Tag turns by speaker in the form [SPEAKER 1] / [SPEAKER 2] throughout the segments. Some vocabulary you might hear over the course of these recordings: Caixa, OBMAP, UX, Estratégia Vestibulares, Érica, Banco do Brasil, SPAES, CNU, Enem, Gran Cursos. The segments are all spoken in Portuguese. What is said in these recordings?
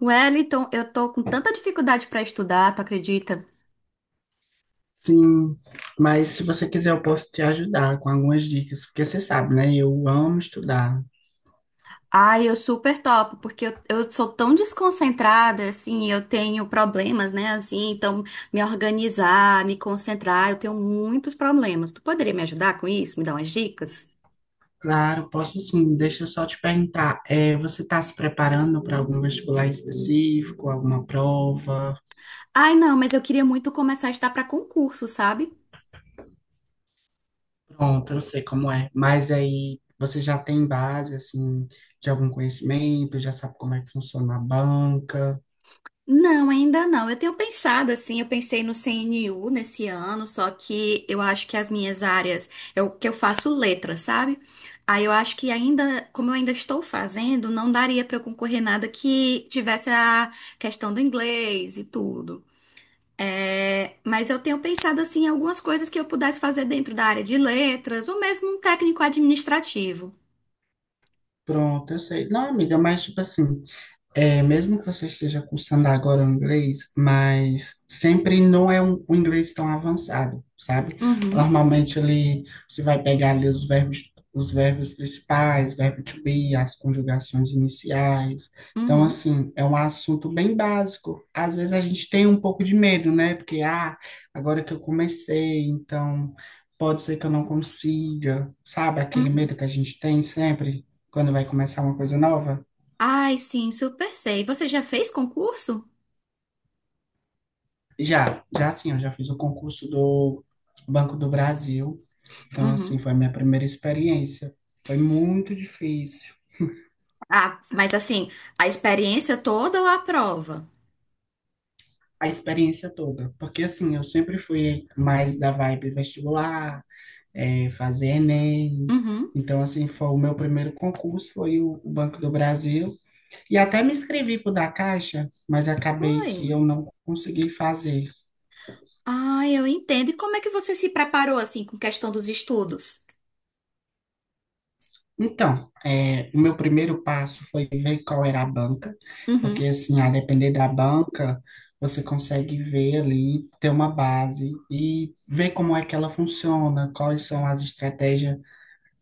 [SPEAKER 1] Wellington, eu tô com tanta dificuldade pra estudar, tu acredita?
[SPEAKER 2] Sim, mas se você quiser, eu posso te ajudar com algumas dicas, porque você sabe, né? Eu amo estudar.
[SPEAKER 1] Ai, eu super topo, porque eu sou tão desconcentrada, assim, eu tenho problemas, né, assim, então me organizar, me concentrar, eu tenho muitos problemas. Tu poderia me ajudar com isso? Me dar umas dicas?
[SPEAKER 2] Claro, posso sim. Deixa eu só te perguntar, você está se preparando para algum vestibular específico, alguma prova?
[SPEAKER 1] Ai, não, mas eu queria muito começar a estudar pra concurso, sabe?
[SPEAKER 2] Pronto, eu sei como é. Mas aí você já tem base, assim, de algum conhecimento, já sabe como é que funciona a banca.
[SPEAKER 1] Não, ainda não. Eu tenho pensado assim, eu pensei no CNU nesse ano, só que eu acho que as minhas áreas, eu que eu faço letras, sabe? Aí eu acho que ainda, como eu ainda estou fazendo, não daria para eu concorrer nada que tivesse a questão do inglês e tudo. É, mas eu tenho pensado assim em algumas coisas que eu pudesse fazer dentro da área de letras, ou mesmo um técnico administrativo.
[SPEAKER 2] Pronto, eu sei. Não, amiga, mas tipo assim. Mesmo que você esteja cursando agora o inglês, mas sempre não é um inglês tão avançado, sabe?
[SPEAKER 1] Uhum,
[SPEAKER 2] Normalmente ali você vai pegar ali os verbos principais, verbo to be, as conjugações iniciais. Então,
[SPEAKER 1] uhum,
[SPEAKER 2] assim, é um assunto bem básico. Às vezes a gente tem um pouco de medo, né? Porque, agora que eu comecei, então pode ser que eu não consiga, sabe? Aquele
[SPEAKER 1] uhum.
[SPEAKER 2] medo que a gente tem sempre quando vai começar uma coisa nova.
[SPEAKER 1] Ai, sim, super sei. Você já fez concurso?
[SPEAKER 2] Já sim, eu já fiz o concurso do Banco do Brasil. Então, assim,
[SPEAKER 1] Uhum.
[SPEAKER 2] foi a minha primeira experiência. Foi muito difícil,
[SPEAKER 1] Ah, mas assim, a experiência toda ou a prova?
[SPEAKER 2] a experiência toda. Porque, assim, eu sempre fui mais da vibe vestibular, fazer Enem.
[SPEAKER 1] Uhum.
[SPEAKER 2] Então, assim, foi o meu primeiro concurso, foi o Banco do Brasil. E até me inscrevi para o da Caixa, mas acabei que
[SPEAKER 1] Oi.
[SPEAKER 2] eu não consegui fazer.
[SPEAKER 1] Ah, eu entendo. E como é que você se preparou assim com questão dos estudos?
[SPEAKER 2] Então, o meu primeiro passo foi ver qual era a banca, porque
[SPEAKER 1] Uhum.
[SPEAKER 2] assim, a depender da banca, você consegue ver ali, ter uma base e ver como é que ela funciona, quais são as estratégias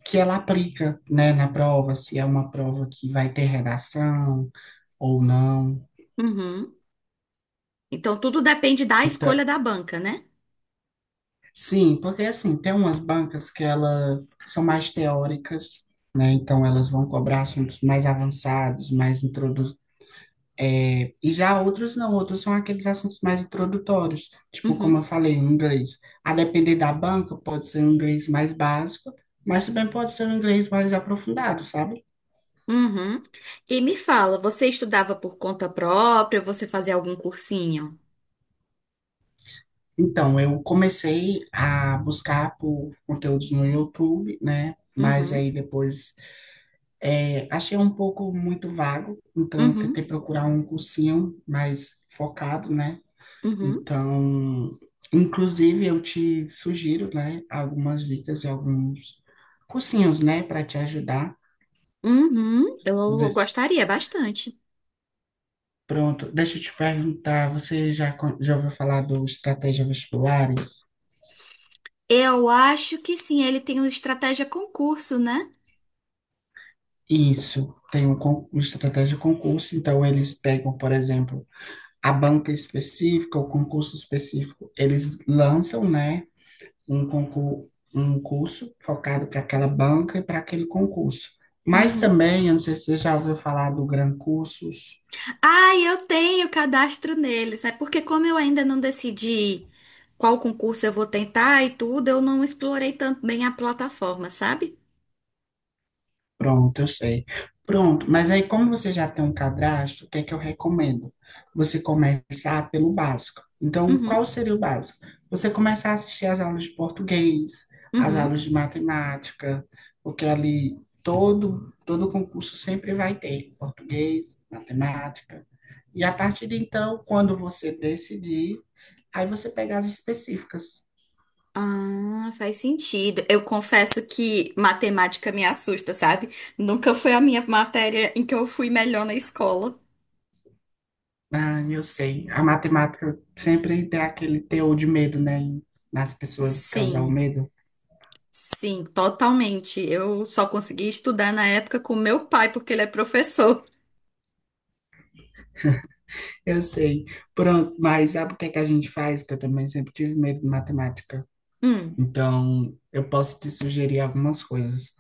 [SPEAKER 2] que ela aplica, né, na prova, se é uma prova que vai ter redação ou não.
[SPEAKER 1] Uhum. Então tudo depende da escolha
[SPEAKER 2] Então,
[SPEAKER 1] da banca, né?
[SPEAKER 2] sim, porque assim, tem umas bancas que elas são mais teóricas, né? Então elas vão cobrar assuntos mais avançados, mais introdu E já outros não, outros são aqueles assuntos mais introdutórios, tipo, como eu
[SPEAKER 1] Uhum.
[SPEAKER 2] falei, o inglês. A depender da banca, pode ser um inglês mais básico, mas também pode ser um inglês mais aprofundado, sabe?
[SPEAKER 1] Uhum. E me fala, você estudava por conta própria ou você fazia algum cursinho?
[SPEAKER 2] Então, eu comecei a buscar por conteúdos no YouTube, né? Mas
[SPEAKER 1] Uhum.
[SPEAKER 2] aí depois achei um pouco muito vago, então eu tentei
[SPEAKER 1] Uhum.
[SPEAKER 2] procurar um cursinho mais focado, né?
[SPEAKER 1] Uhum.
[SPEAKER 2] Então, inclusive, eu te sugiro, né, algumas dicas e alguns cursinhos, né, para te ajudar.
[SPEAKER 1] Uhum. Eu
[SPEAKER 2] De-
[SPEAKER 1] gostaria bastante.
[SPEAKER 2] pronto, deixa eu te perguntar, você já ouviu falar do Estratégia Vestibulares?
[SPEAKER 1] Eu acho que sim, ele tem uma estratégia concurso, né?
[SPEAKER 2] Isso, tem uma estratégia de concurso, então eles pegam, por exemplo, a banca específica, o concurso específico, eles lançam, né, um concurso, um curso focado para aquela banca e para aquele concurso. Mas
[SPEAKER 1] Uhum.
[SPEAKER 2] também, eu não sei se você já ouviu falar do Gran Cursos.
[SPEAKER 1] Ah, eu tenho cadastro neles. É porque como eu ainda não decidi qual concurso eu vou tentar e tudo, eu não explorei tanto bem a plataforma, sabe?
[SPEAKER 2] Pronto, eu sei. Pronto, mas aí como você já tem um cadastro, o que é que eu recomendo? Você começar pelo básico. Então, qual
[SPEAKER 1] Uhum,
[SPEAKER 2] seria o básico? Você começar a assistir às aulas de português, às
[SPEAKER 1] uhum.
[SPEAKER 2] aulas de matemática, porque ali todo concurso sempre vai ter português, matemática. E a partir de então, quando você decidir, aí você pega as específicas.
[SPEAKER 1] Ah, faz sentido. Eu confesso que matemática me assusta, sabe? Nunca foi a minha matéria em que eu fui melhor na escola.
[SPEAKER 2] Ah, eu sei. A matemática sempre tem aquele teor de medo, né? Nas pessoas causar o
[SPEAKER 1] Sim,
[SPEAKER 2] medo.
[SPEAKER 1] sim, totalmente. Eu só consegui estudar na época com meu pai, porque ele é professor.
[SPEAKER 2] Eu sei. Pronto, mas sabe o que é que a gente faz? Que eu também sempre tive medo de matemática.
[SPEAKER 1] Hum,
[SPEAKER 2] Então, eu posso te sugerir algumas coisas.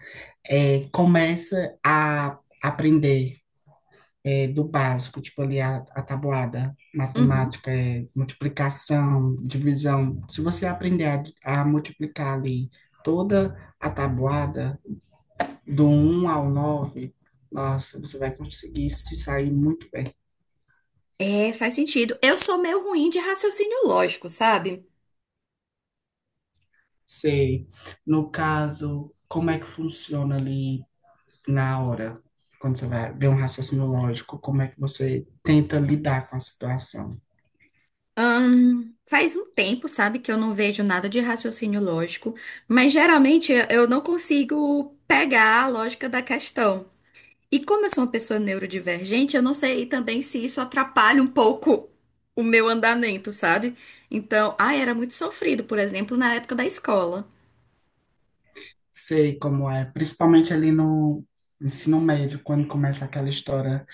[SPEAKER 2] Começa a aprender do básico, tipo ali a tabuada,
[SPEAKER 1] uhum.
[SPEAKER 2] matemática, multiplicação, divisão. Se você aprender a multiplicar ali toda a tabuada, do um ao 9, nossa, você vai conseguir se sair muito bem.
[SPEAKER 1] É, faz sentido. Eu sou meio ruim de raciocínio lógico, sabe?
[SPEAKER 2] Sei. No caso, como é que funciona ali na hora, quando você vai ver um raciocínio lógico, como é que você tenta lidar com a situação?
[SPEAKER 1] Faz um tempo, sabe, que eu não vejo nada de raciocínio lógico, mas geralmente eu não consigo pegar a lógica da questão. E como eu sou uma pessoa neurodivergente, eu não sei também se isso atrapalha um pouco o meu andamento, sabe? Então, ah, era muito sofrido, por exemplo, na época da escola.
[SPEAKER 2] Sei como é, principalmente ali no ensino médio, quando começa aquela história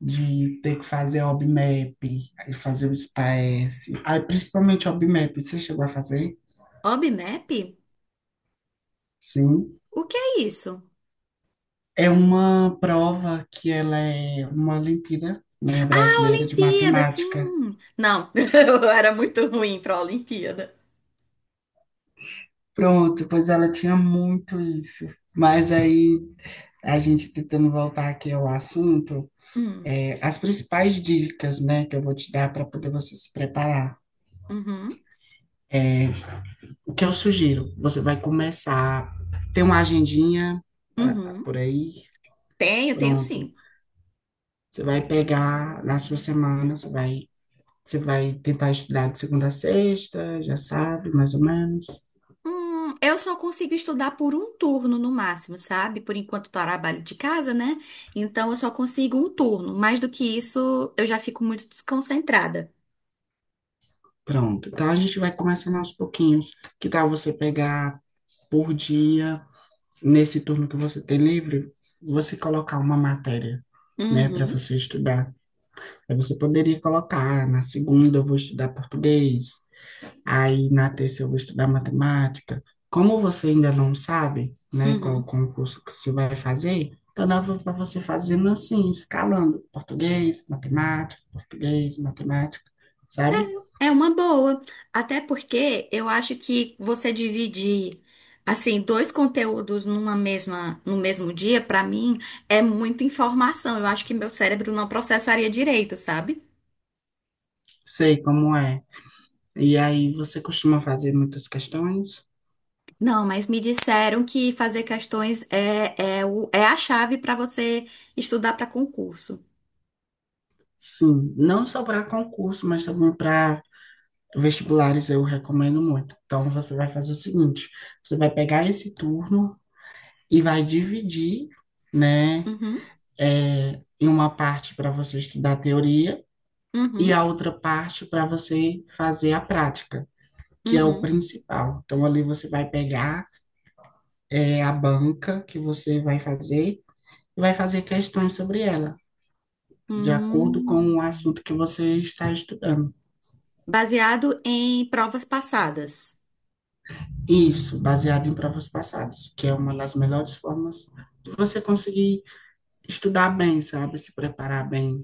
[SPEAKER 2] de ter que fazer OBMAP, aí fazer o SPAES, aí principalmente OBMAP, você chegou a fazer?
[SPEAKER 1] Obmap?
[SPEAKER 2] Sim.
[SPEAKER 1] O que é isso?
[SPEAKER 2] É uma prova que ela é uma Olimpíada, né,
[SPEAKER 1] Ah,
[SPEAKER 2] brasileira de
[SPEAKER 1] Olimpíada,
[SPEAKER 2] matemática.
[SPEAKER 1] sim. Não, eu era muito ruim pra Olimpíada.
[SPEAKER 2] Pronto, pois ela tinha muito isso. Mas aí, a gente tentando voltar aqui ao assunto,
[SPEAKER 1] Hum,
[SPEAKER 2] as principais dicas, né, que eu vou te dar para poder você se preparar.
[SPEAKER 1] uhum,
[SPEAKER 2] É, o que eu sugiro? Você vai começar, tem uma agendinha
[SPEAKER 1] uhum.
[SPEAKER 2] por aí,
[SPEAKER 1] Tenho, tenho
[SPEAKER 2] pronto.
[SPEAKER 1] sim.
[SPEAKER 2] Você vai pegar na sua semana, você vai tentar estudar de segunda a sexta, já sabe, mais ou menos.
[SPEAKER 1] Eu só consigo estudar por um turno no máximo, sabe? Por enquanto eu trabalho de casa, né? Então eu só consigo um turno. Mais do que isso, eu já fico muito desconcentrada.
[SPEAKER 2] Pronto. Então a gente vai começando aos pouquinhos. Que tal você pegar por dia, nesse turno que você tem livre, você colocar uma matéria, né, para
[SPEAKER 1] Uhum,
[SPEAKER 2] você estudar? Aí você poderia colocar, na segunda eu vou estudar português, aí na terça eu vou estudar matemática. Como você ainda não sabe, né, qual
[SPEAKER 1] uhum.
[SPEAKER 2] concurso que você vai fazer, então dá para você fazendo assim, escalando português, matemática, sabe?
[SPEAKER 1] É uma boa, até porque eu acho que você dividir assim dois conteúdos numa mesma no mesmo dia, pra mim é muita informação. Eu acho que meu cérebro não processaria direito, sabe?
[SPEAKER 2] Sei como é. E aí você costuma fazer muitas questões?
[SPEAKER 1] Não, mas me disseram que fazer questões é a chave pra você estudar pra concurso.
[SPEAKER 2] Sim, não só para concurso, mas também para vestibulares eu recomendo muito. Então você vai fazer o seguinte, você vai pegar esse turno e vai dividir, né,
[SPEAKER 1] Uhum,
[SPEAKER 2] em uma parte para você estudar a teoria e
[SPEAKER 1] uhum,
[SPEAKER 2] a outra parte para você fazer a prática, que é o
[SPEAKER 1] uhum.
[SPEAKER 2] principal. Então, ali você vai pegar a banca que você vai fazer e vai fazer questões sobre ela, de acordo com o
[SPEAKER 1] Hum.
[SPEAKER 2] assunto que você está estudando.
[SPEAKER 1] Baseado em provas passadas.
[SPEAKER 2] Isso, baseado em provas passadas, que é uma das melhores formas de você conseguir estudar bem, sabe? Se preparar bem.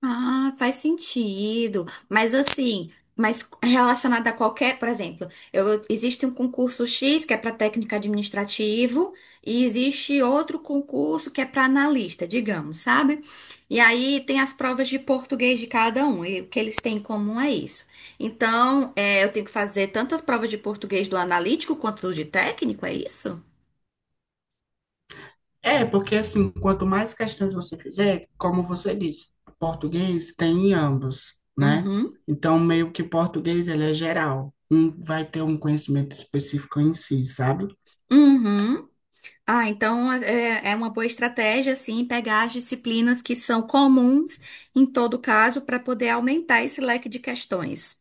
[SPEAKER 1] Ah, faz sentido. Mas assim, mas relacionado a qualquer, por exemplo, eu, existe um concurso X que é para técnico administrativo e existe outro concurso que é para analista, digamos, sabe? E aí tem as provas de português de cada um e o que eles têm em comum é isso. Então, é, eu tenho que fazer tantas provas de português do analítico quanto do de técnico, é isso?
[SPEAKER 2] Porque assim, quanto mais questões você fizer, como você disse, português tem em ambos, né?
[SPEAKER 1] Uhum.
[SPEAKER 2] Então, meio que português, ele é geral. Um vai ter um conhecimento específico em si, sabe?
[SPEAKER 1] Uhum. Ah, então é uma boa estratégia, assim, pegar as disciplinas que são comuns em todo caso para poder aumentar esse leque de questões.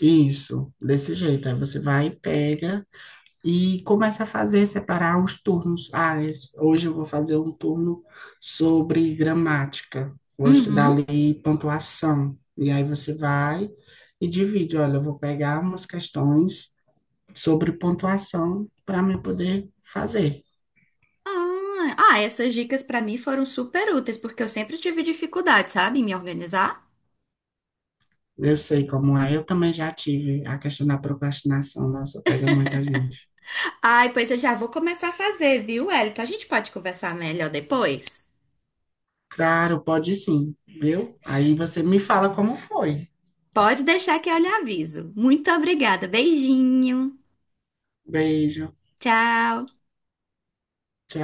[SPEAKER 2] Isso, desse jeito. Aí você vai, pega e começa a fazer, separar os turnos. Ah, hoje eu vou fazer um turno sobre gramática. Vou estudar
[SPEAKER 1] Uhum.
[SPEAKER 2] ali pontuação. E aí você vai e divide. Olha, eu vou pegar umas questões sobre pontuação para me poder fazer.
[SPEAKER 1] Ah, essas dicas para mim foram super úteis, porque eu sempre tive dificuldade, sabe, em me organizar.
[SPEAKER 2] Eu sei como é, eu também já tive a questão da procrastinação, nossa, pega muita gente.
[SPEAKER 1] Ai, pois eu já vou começar a fazer, viu, Érica? A gente pode conversar melhor depois?
[SPEAKER 2] Claro, pode sim, viu? Aí você me fala como foi.
[SPEAKER 1] Pode deixar que eu lhe aviso. Muito obrigada. Beijinho.
[SPEAKER 2] Beijo,
[SPEAKER 1] Tchau.
[SPEAKER 2] tchau.